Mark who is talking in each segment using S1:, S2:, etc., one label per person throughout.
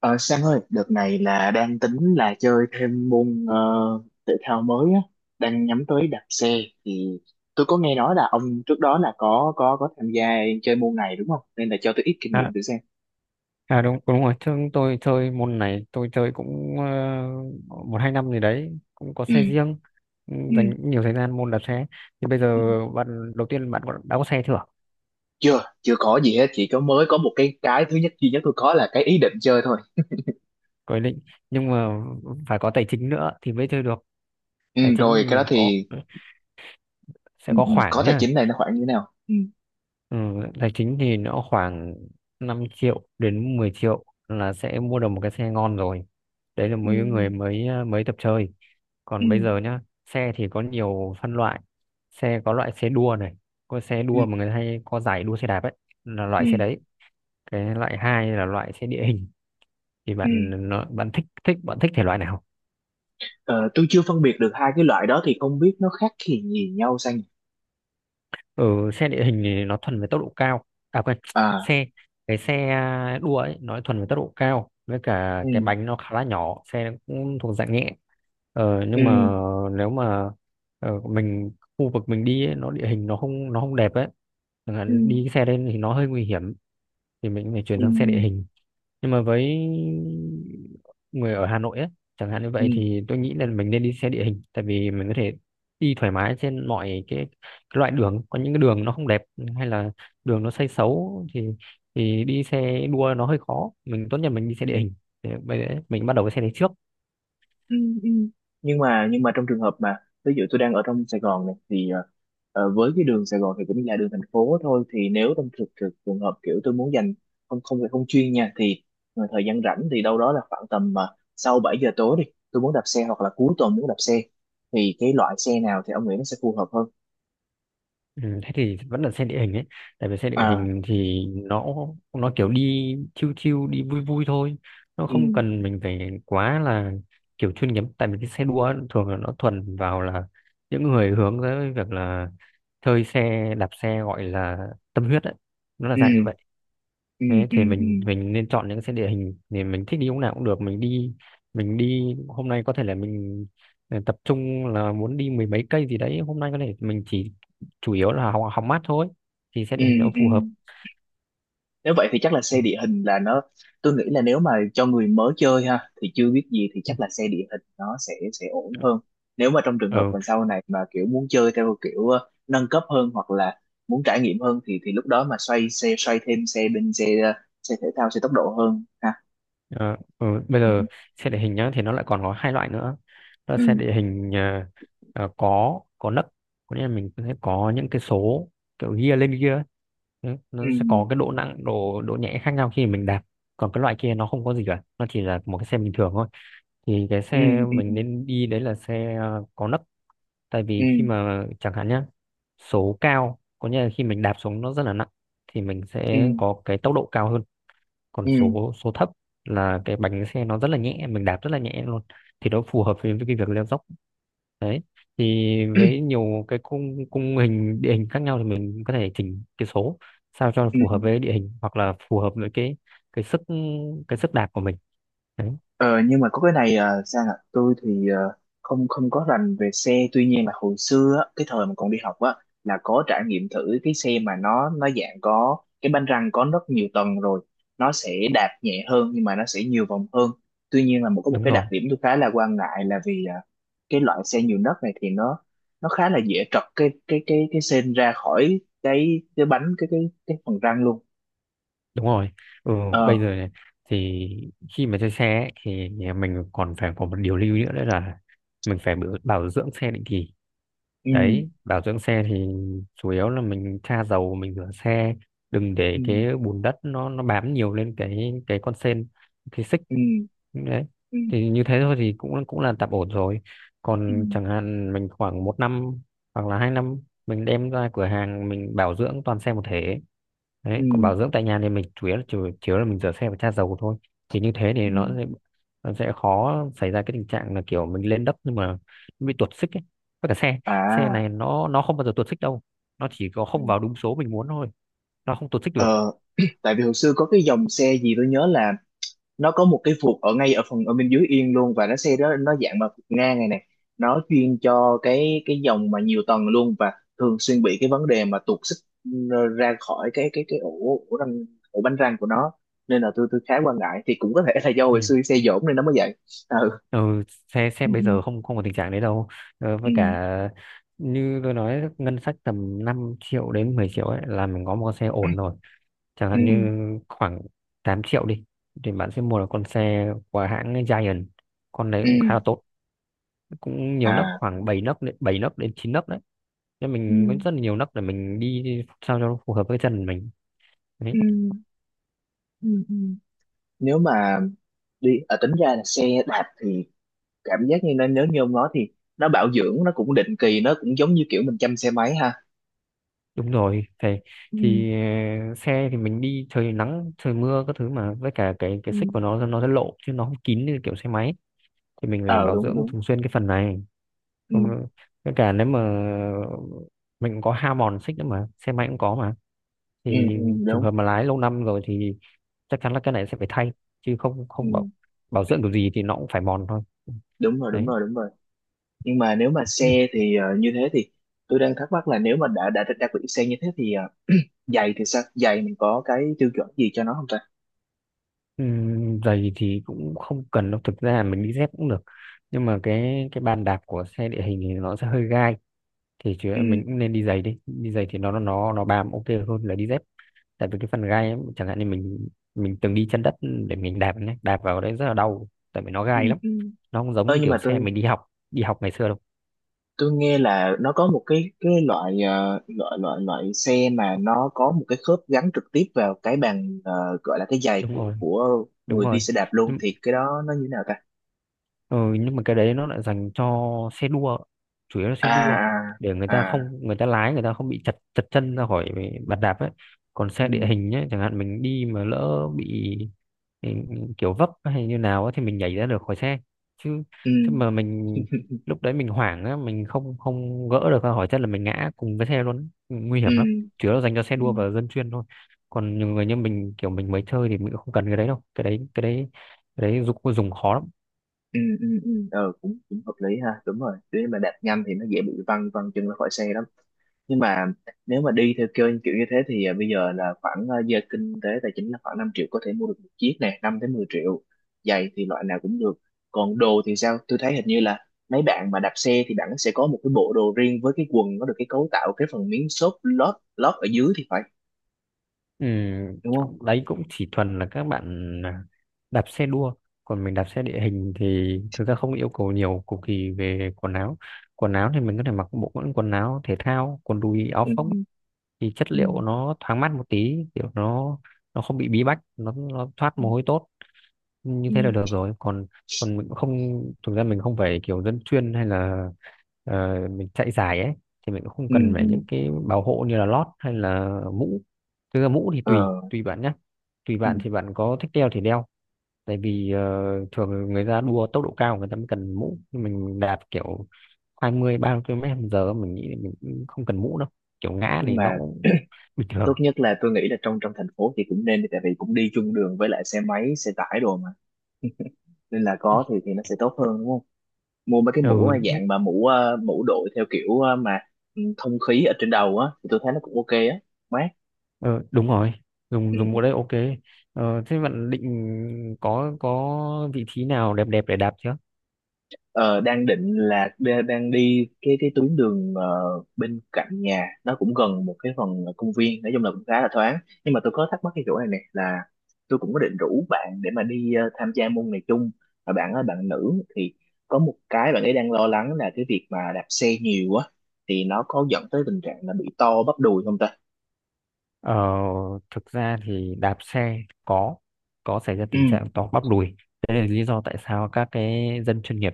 S1: Ờ, Sang ơi, đợt này là đang tính là chơi thêm môn thể thao mới á, đang nhắm tới đạp xe thì tôi có nghe nói là ông trước đó là có tham gia chơi môn này, đúng không? Nên là cho tôi ít kinh nghiệm
S2: À,
S1: thử xem.
S2: à đúng đúng rồi chứ tôi chơi môn này, tôi chơi cũng một hai năm gì đấy, cũng có
S1: Ừ,
S2: xe riêng. Ừ,
S1: ừ,
S2: dành nhiều thời gian môn đạp xe thì bây giờ
S1: ừ.
S2: bạn đầu tiên, đã có xe chưa?
S1: Chưa, chưa có gì hết, chỉ có mới có một cái thứ nhất duy nhất tôi có là cái ý định chơi thôi.
S2: Có ý định, nhưng mà phải có tài chính nữa thì mới chơi được.
S1: Ừ,
S2: Tài
S1: rồi
S2: chính
S1: cái đó
S2: thì có,
S1: thì
S2: sẽ
S1: ừ,
S2: có
S1: ừ, có
S2: khoảng
S1: tài
S2: nhá.
S1: chính này nó khoảng như thế nào? Ừ,
S2: Ừ, tài chính thì nó khoảng 5 triệu đến 10 triệu là sẽ mua được một cái xe ngon rồi. Đấy là
S1: ừ,
S2: mấy người mới, mới tập chơi.
S1: ừ,
S2: Còn bây giờ nhá, xe thì có nhiều phân loại. Xe có loại xe đua này, có xe
S1: ừ,
S2: đua mà người ta hay có giải đua xe đạp ấy, là
S1: ừ,
S2: loại xe đấy. Cái loại hai là loại xe địa hình. Thì
S1: ừ.
S2: bạn nó, bạn thích thích bạn thích thể loại nào?
S1: Ờ, tôi chưa phân biệt được hai cái loại đó thì không biết nó khác gì nhau sang.
S2: Ừ, xe địa hình thì nó thuần về tốc độ cao. À quên,
S1: À,
S2: xe cái xe, đua ấy, nó thuần về tốc độ cao, với cả
S1: ừ,
S2: cái bánh nó khá là nhỏ, xe nó cũng thuộc dạng nhẹ.
S1: ừ,
S2: Nhưng mà nếu mà, mình khu vực mình đi ấy, nó địa hình nó không đẹp ấy, chẳng
S1: ừ,
S2: hạn đi cái xe lên thì nó hơi nguy hiểm, thì mình phải chuyển
S1: ừ,
S2: sang xe địa hình. Nhưng mà với người ở Hà Nội ấy, chẳng hạn như
S1: ừ,
S2: vậy, thì tôi nghĩ là mình nên đi xe địa hình, tại vì mình có thể đi thoải mái trên mọi cái loại đường. Có những cái đường nó không đẹp hay là đường nó xây xấu thì đi xe đua nó hơi khó, mình tốt nhất mình đi xe
S1: ừ,
S2: địa hình. Thế bây giờ mình bắt đầu với xe đấy trước.
S1: ừ, ừ. Nhưng mà trong trường hợp mà ví dụ tôi đang ở trong Sài Gòn này thì với cái đường Sài Gòn thì cũng là đường thành phố thôi, thì nếu trong thực thực trường hợp kiểu tôi muốn dành, không không phải không chuyên nha, thì thời gian rảnh thì đâu đó là khoảng tầm mà sau 7 giờ tối đi, tôi muốn đạp xe hoặc là cuối tuần muốn đạp xe thì cái loại xe nào thì ông nghĩ nó sẽ phù hợp hơn?
S2: Ừ, thế thì vẫn là xe địa hình ấy, tại vì xe địa
S1: À,
S2: hình thì nó kiểu đi chill chill, đi vui vui thôi, nó
S1: ừ,
S2: không cần mình phải quá là kiểu chuyên nghiệp. Tại vì cái xe đua ấy, thường là nó thuần vào là những người hướng tới việc là chơi xe, đạp xe, gọi là tâm huyết ấy, nó là dạng như
S1: ừ,
S2: vậy.
S1: ừ,
S2: Thế
S1: ừ,
S2: thì
S1: ừ,
S2: mình nên chọn những cái địa hình, thì mình thích đi lúc nào cũng được. Mình đi, hôm nay có thể là mình tập trung là muốn đi mười mấy cây gì đấy, hôm nay có thể mình chỉ chủ yếu là hóng mát thôi, thì sẽ
S1: ừ,
S2: địa hình nó
S1: ừ,
S2: phù hợp.
S1: ừ. Nếu vậy thì chắc là xe địa hình là nó, tôi nghĩ là nếu mà cho người mới chơi ha thì chưa biết gì thì chắc là xe địa hình nó sẽ ổn hơn. Nếu mà trong trường hợp
S2: Ừ.
S1: mà sau này mà kiểu muốn chơi theo kiểu nâng cấp hơn, hoặc là muốn trải nghiệm hơn thì lúc đó mà xoay xe, xoay thêm xe, bên xe xe thể thao, xe tốc độ hơn ha.
S2: Ờ, ừ, bây
S1: Ừ,
S2: giờ xe địa hình nhá, thì nó lại còn có hai loại nữa. Đó là
S1: ừ,
S2: xe địa hình, có nấc, có nghĩa là mình sẽ có những cái số, kiểu gear lên gear ấy. Đấy,
S1: ừ,
S2: nó sẽ có cái độ nặng, độ độ nhẹ khác nhau khi mình đạp. Còn cái loại kia nó không có gì cả, nó chỉ là một cái xe bình thường thôi. Thì cái
S1: ừ,
S2: xe mình nên đi đấy là xe, có nấc. Tại
S1: ừ,
S2: vì khi
S1: ừ,
S2: mà chẳng hạn nhá, số cao có nghĩa là khi mình đạp xuống nó rất là nặng, thì mình
S1: ừ,
S2: sẽ có cái tốc độ cao hơn. Còn
S1: ừ.
S2: số số thấp là cái bánh xe nó rất là nhẹ, mình đạp rất là nhẹ luôn, thì nó phù hợp với cái việc leo dốc. Đấy, thì với nhiều cái cung cung hình địa hình khác nhau, thì mình có thể chỉnh cái số sao cho nó phù hợp
S1: Ừ.
S2: với địa hình, hoặc là phù hợp với cái sức cái sức đạp của mình. Đấy.
S1: Ờ, nhưng mà có cái này à, Sang ạ, tôi thì không không có rành về xe, tuy nhiên là hồi xưa á, cái thời mà còn đi học á là có trải nghiệm thử cái xe mà nó dạng có cái bánh răng có rất nhiều tầng rồi, nó sẽ đạp nhẹ hơn nhưng mà nó sẽ nhiều vòng hơn. Tuy nhiên là có một
S2: Đúng
S1: cái đặc
S2: rồi,
S1: điểm tôi khá là quan ngại, là vì cái loại xe nhiều nấc này thì nó khá là dễ trật cái sên ra khỏi cái bánh, cái phần răng luôn.
S2: đúng rồi. Ừ,
S1: ờ
S2: bây giờ này, thì khi mà chơi xe ấy, thì mình còn phải có một điều lưu ý nữa, đấy là mình phải bảo bảo dưỡng xe định kỳ.
S1: ừ,
S2: Đấy, bảo dưỡng xe thì chủ yếu là mình tra dầu, mình rửa xe, đừng để
S1: ừ,
S2: cái bùn đất nó bám nhiều lên cái con sên, cái xích.
S1: ừ,
S2: Đấy.
S1: ừ,
S2: Thì như thế thôi thì cũng cũng là tạm ổn rồi.
S1: ừ,
S2: Còn chẳng hạn mình khoảng một năm hoặc là 2 năm, mình đem ra cửa hàng mình bảo dưỡng toàn xe một thể.
S1: ừ,
S2: Đấy, còn
S1: ừ.
S2: bảo dưỡng tại nhà thì mình chủ yếu là chủ yếu là mình rửa xe và tra dầu thôi. Thì như thế
S1: Ừ.
S2: thì nó sẽ khó xảy ra cái tình trạng là kiểu mình lên đất nhưng mà nó bị tuột xích ấy. Với cả xe xe
S1: À,
S2: này nó không bao giờ tuột xích đâu, nó chỉ có
S1: ừ.
S2: không vào đúng số mình muốn thôi, nó không tuột xích được.
S1: ờ, Tại vì hồi xưa có cái dòng xe gì tôi nhớ là nó có một cái vụt ở ngay, ở phần ở bên dưới yên luôn, và nó xe đó nó dạng mà vụt ngang này này, nó chuyên cho cái dòng mà nhiều tầng luôn và thường xuyên bị cái vấn đề mà tuột xích, ừ, ra khỏi cái ổ, ổ răng, ổ bánh răng của nó. Nên là tôi khá quan ngại, thì cũng có thể là do hồi
S2: Ừ.
S1: xưa xe dỗm nên nó mới vậy. Ừ,
S2: Ừ, xe xe
S1: ừ,
S2: bây giờ không không có tình trạng đấy đâu. Ờ,
S1: ừ,
S2: với cả như tôi nói, ngân sách tầm 5 triệu đến 10 triệu ấy là mình có một con xe ổn rồi. Chẳng
S1: ừ,
S2: hạn như khoảng 8 triệu đi, thì bạn sẽ mua được con xe của hãng Giant, con đấy
S1: ừ.
S2: cũng khá là tốt. Cũng nhiều nấc,
S1: À,
S2: khoảng bảy nấc đến 9 nấc đấy. Nên
S1: ừ,
S2: mình có rất là nhiều nấc để mình đi sao cho nó phù hợp với chân mình. Đấy.
S1: ừ, ừ, ừ. Nếu mà đi tính ra là xe đạp thì cảm giác như nó, nếu như ông nói thì nó bảo dưỡng nó cũng định kỳ, nó cũng giống như kiểu mình chăm xe máy ha.
S2: Đúng rồi, phải.
S1: Ừ,
S2: Thì xe thì mình đi trời nắng trời mưa các thứ, mà với cả cái xích của
S1: ừ,
S2: nó sẽ lộ chứ nó không kín như kiểu xe máy, thì mình phải
S1: ờ,
S2: bảo
S1: đúng
S2: dưỡng
S1: đúng,
S2: thường xuyên cái phần này.
S1: ừ,
S2: Không- với cả nếu mà mình cũng có hao mòn xích nữa, mà xe máy cũng có mà.
S1: ừ,
S2: Thì
S1: ừ,
S2: trường
S1: đúng,
S2: hợp mà lái lâu năm rồi thì chắc chắn là cái này sẽ phải thay, chứ không không
S1: ừ,
S2: bảo bảo dưỡng kiểu gì thì nó cũng phải mòn thôi.
S1: đúng rồi, đúng
S2: Đấy.
S1: rồi, đúng rồi. Nhưng mà nếu mà xe thì như thế thì tôi đang thắc mắc là nếu mà đã đặc biệt xe như thế thì giày thì sao, giày mình có cái tiêu chuẩn gì cho nó không ta?
S2: Giày thì cũng không cần đâu, thực ra mình đi dép cũng được. Nhưng mà cái bàn đạp của xe địa hình thì nó sẽ hơi gai, thì chứ
S1: Ừ,
S2: mình cũng nên đi giày. Đi đi giày thì nó bám ok hơn là đi dép. Tại vì cái phần gai ấy, chẳng hạn như mình từng đi chân đất, để mình đạp nhé, đạp vào đấy rất là đau tại vì nó
S1: ừ,
S2: gai lắm.
S1: ừ, ừ.
S2: Nó không giống
S1: Ơ,
S2: như
S1: nhưng
S2: kiểu
S1: mà
S2: xe mình đi học ngày xưa đâu.
S1: tôi nghe là nó có một cái loại loại xe mà nó có một cái khớp gắn trực tiếp vào cái bàn gọi là cái giày
S2: Đúng
S1: của
S2: rồi,
S1: của
S2: đúng
S1: người đi
S2: rồi.
S1: xe đạp luôn, thì cái đó nó như thế nào ta?
S2: Ừ, nhưng mà cái đấy nó lại dành cho xe đua, chủ yếu là xe
S1: À,
S2: đua, để
S1: à, à,
S2: người ta lái người ta không bị chật chật chân ra khỏi bàn đạp ấy. Còn
S1: ừ,
S2: xe địa hình ấy, chẳng hạn mình đi mà lỡ bị, ừ, kiểu vấp hay như nào ấy, thì mình nhảy ra được khỏi xe, chứ
S1: ừ,
S2: chứ mà mình lúc đấy mình hoảng á, mình không không gỡ được ra khỏi chân là mình ngã cùng với xe luôn, nguy
S1: ừ,
S2: hiểm lắm. Chủ yếu là dành cho xe
S1: ừ,
S2: đua và dân chuyên thôi. Còn nhiều người như mình, kiểu mình mới chơi thì mình cũng không cần cái đấy đâu. Cái đấy dùng dùng khó lắm.
S1: ừ, ừ, ừ, ừ, cũng cũng hợp lý ha, đúng rồi, nếu mà đạp nhanh thì nó dễ bị văng văng chân ra khỏi xe lắm. Nhưng mà nếu mà đi theo kiểu kiểu như thế thì bây giờ là khoảng giờ kinh tế tài chính là khoảng 5 triệu có thể mua được một chiếc này, 5 tới 10 triệu. Giày thì loại nào cũng được, còn đồ thì sao, tôi thấy hình như là mấy bạn mà đạp xe thì bạn sẽ có một cái bộ đồ riêng với cái quần nó được cái cấu tạo cái phần miếng xốp lót lót ở dưới thì phải,
S2: Ừ,
S1: đúng không?
S2: đấy cũng chỉ thuần là các bạn, đạp xe đua. Còn mình đạp xe địa hình thì thực ra không yêu cầu nhiều, cầu kỳ về quần áo. Quần áo thì mình có thể mặc bộ quần quần áo thể thao, quần đùi áo
S1: Ừ.
S2: phông, thì chất
S1: Ừ,
S2: liệu của nó thoáng mát một tí, kiểu nó không bị bí bách, nó thoát
S1: ừ,
S2: mồ hôi tốt, như thế
S1: ừ,
S2: là được rồi. Còn còn mình cũng không, thực ra mình không phải kiểu dân chuyên hay là, mình chạy giải ấy, thì mình cũng không
S1: Ừ,
S2: cần
S1: ừ.
S2: phải những cái bảo hộ như là lót hay là mũ. Thực ra mũ thì
S1: Ờ,
S2: tùy tùy bạn nhé, tùy
S1: ừ.
S2: bạn, thì bạn có thích đeo thì đeo. Tại vì thường người ta đua tốc độ cao, người ta mới cần mũ. Nhưng mình đạp kiểu 20-30 km/h, mình nghĩ là mình cũng không cần mũ đâu, kiểu ngã
S1: Nhưng
S2: thì nó
S1: mà
S2: cũng bình thường.
S1: tốt nhất là tôi nghĩ là trong trong thành phố thì cũng nên đi, tại vì cũng đi chung đường với lại xe máy, xe tải đồ mà, nên là có thì nó sẽ tốt hơn, đúng không? Mua mấy cái
S2: Ừ,
S1: mũ dạng mà mũ mũ đội theo kiểu mà ừ, thông khí ở trên đầu á, thì tôi thấy nó cũng ok á, mát.
S2: đúng rồi, dùng
S1: Ừ.
S2: dùng mũ đấy ok. Ờ, thế bạn định có vị trí nào đẹp đẹp để đạp chưa?
S1: Ờ, Đang định là đang đi cái tuyến đường bên cạnh nhà, nó cũng gần một cái phần công viên, nói chung là cũng khá là thoáng. Nhưng mà tôi có thắc mắc cái chỗ này nè là tôi cũng có định rủ bạn để mà đi tham gia môn này chung, mà bạn ơi, bạn nữ thì có một cái bạn ấy đang lo lắng là cái việc mà đạp xe nhiều á thì nó có dẫn tới tình trạng là bị to bắp đùi không ta?
S2: ờ, Thực ra thì đạp xe có có xảy ra tình trạng to bắp đùi. Đấy là lý do tại sao các cái dân chuyên nghiệp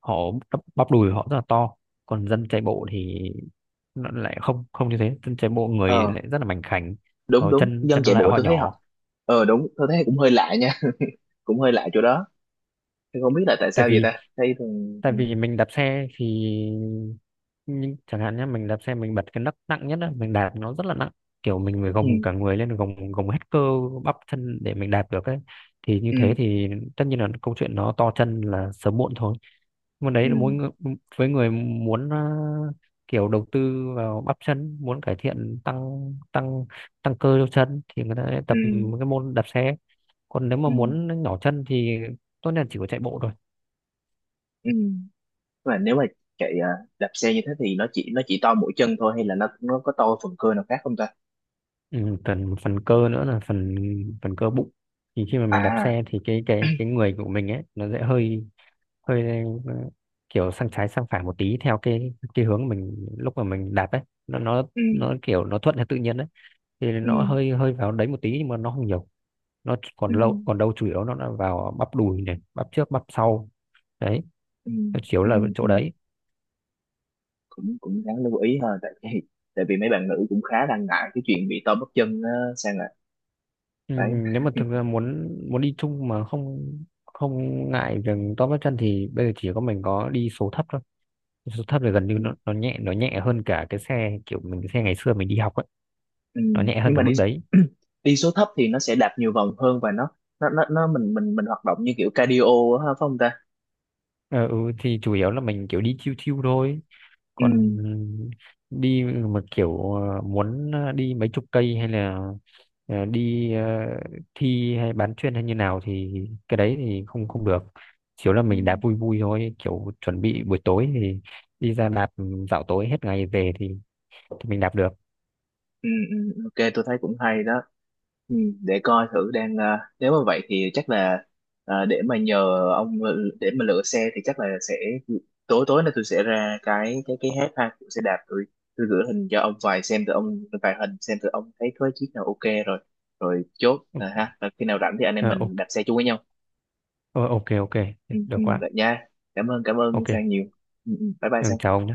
S2: họ bắp bắp đùi họ rất là to. Còn dân chạy bộ thì nó lại không không như thế, dân chạy bộ người
S1: Ừ,
S2: lại rất là mảnh khảnh,
S1: đúng
S2: ở
S1: đúng,
S2: chân
S1: dân
S2: chân
S1: chạy
S2: lại
S1: bộ
S2: họ
S1: tôi thấy họ,
S2: nhỏ.
S1: đúng, tôi thấy cũng hơi lạ nha, cũng hơi lạ chỗ đó, tôi không biết là tại
S2: tại
S1: sao vậy ta,
S2: vì
S1: thấy thường.
S2: tại
S1: Ừ,
S2: vì mình đạp xe thì, nhưng chẳng hạn nhé, mình đạp xe mình bật cái nấc nặng nhất á, mình đạp nó rất là nặng, kiểu mình phải
S1: ừ,
S2: gồng cả người lên, gồng gồng hết cơ bắp chân để mình đạp được ấy. Thì như
S1: ừ,
S2: thế thì tất nhiên là câu chuyện nó to chân là sớm muộn thôi. Môn đấy là mỗi
S1: ừ,
S2: người, với người muốn kiểu đầu tư vào bắp chân, muốn cải thiện, tăng tăng tăng cơ cho chân, thì người ta sẽ tập
S1: ừ,
S2: cái môn đạp xe. Còn nếu mà
S1: ừ,
S2: muốn nhỏ chân thì tốt nhất là chỉ có chạy bộ thôi.
S1: ừ. Mà nếu mà chạy à, đạp xe như thế thì nó chỉ to mỗi chân thôi hay là nó có to phần cơ nào khác không ta?
S2: Ừ, phần phần cơ nữa là phần phần cơ bụng. Thì khi mà mình đạp
S1: À,
S2: xe thì cái người của mình ấy nó sẽ hơi hơi, kiểu sang trái sang phải một tí, theo cái hướng mình lúc mà mình đạp ấy. nó nó
S1: ừ,
S2: nó kiểu nó thuận theo tự nhiên, đấy, thì
S1: ừ,
S2: nó hơi hơi vào đấy một tí, nhưng mà nó không nhiều, nó còn
S1: ừ,
S2: lâu còn đâu, chủ yếu nó là vào bắp đùi này, bắp trước bắp sau. Đấy,
S1: ừ,
S2: nó chủ yếu
S1: ừ,
S2: là
S1: ừ.
S2: chỗ đấy.
S1: cũng cũng đáng lưu ý ha, tại vì mấy bạn nữ cũng khá đang ngại cái chuyện bị to bắp chân á, sang rồi
S2: Ừ,
S1: đấy.
S2: nếu mà thực ra muốn muốn đi chung mà không không ngại việc to bắp chân, thì bây giờ chỉ có mình có đi số thấp thôi. Số thấp thì gần như nó, nó nhẹ, nó nhẹ hơn cả cái xe kiểu mình, cái xe ngày xưa mình đi học ấy,
S1: Ừ.
S2: nó nhẹ hơn
S1: Nhưng
S2: cả
S1: mà đi
S2: mức đấy.
S1: đi số thấp thì nó sẽ đạp nhiều vòng hơn và nó nó mình hoạt động như kiểu cardio á, phải không ta?
S2: Ờ, ừ, thì chủ yếu là mình kiểu đi chill chill thôi.
S1: Ừ.
S2: Còn đi mà kiểu muốn đi mấy chục cây hay là đi thi hay bán chuyên hay như nào thì cái đấy thì không không được. Chỉ là
S1: Ừ.
S2: mình đạp vui vui thôi, kiểu chuẩn bị buổi tối thì đi ra đạp, dạo tối hết ngày về, thì mình đạp được.
S1: Ừ. Ừ, ok tôi thấy cũng hay đó. Ừ. Để coi thử, đang nếu mà vậy thì chắc là để mà nhờ ông, ừ, để mà lựa xe thì chắc là sẽ tối tối nay tôi sẽ ra cái app ha, tôi sẽ đạp, tôi gửi hình cho ông vài xem từ ông, vài hình xem từ ông, thấy có chiếc nào ok rồi rồi chốt à ha. Rồi khi nào rảnh thì anh em
S2: Ờ, ok.
S1: mình đạp xe chung với nhau.
S2: Ờ, ok ok,
S1: Ừ,
S2: được
S1: ừ,
S2: quá,
S1: vậy nha. Cảm ơn cảm ơn
S2: ok.
S1: Sang nhiều. Ừ, ừ, ừ. Bye bye
S2: Ừ, chào ông
S1: Sang.
S2: nhé.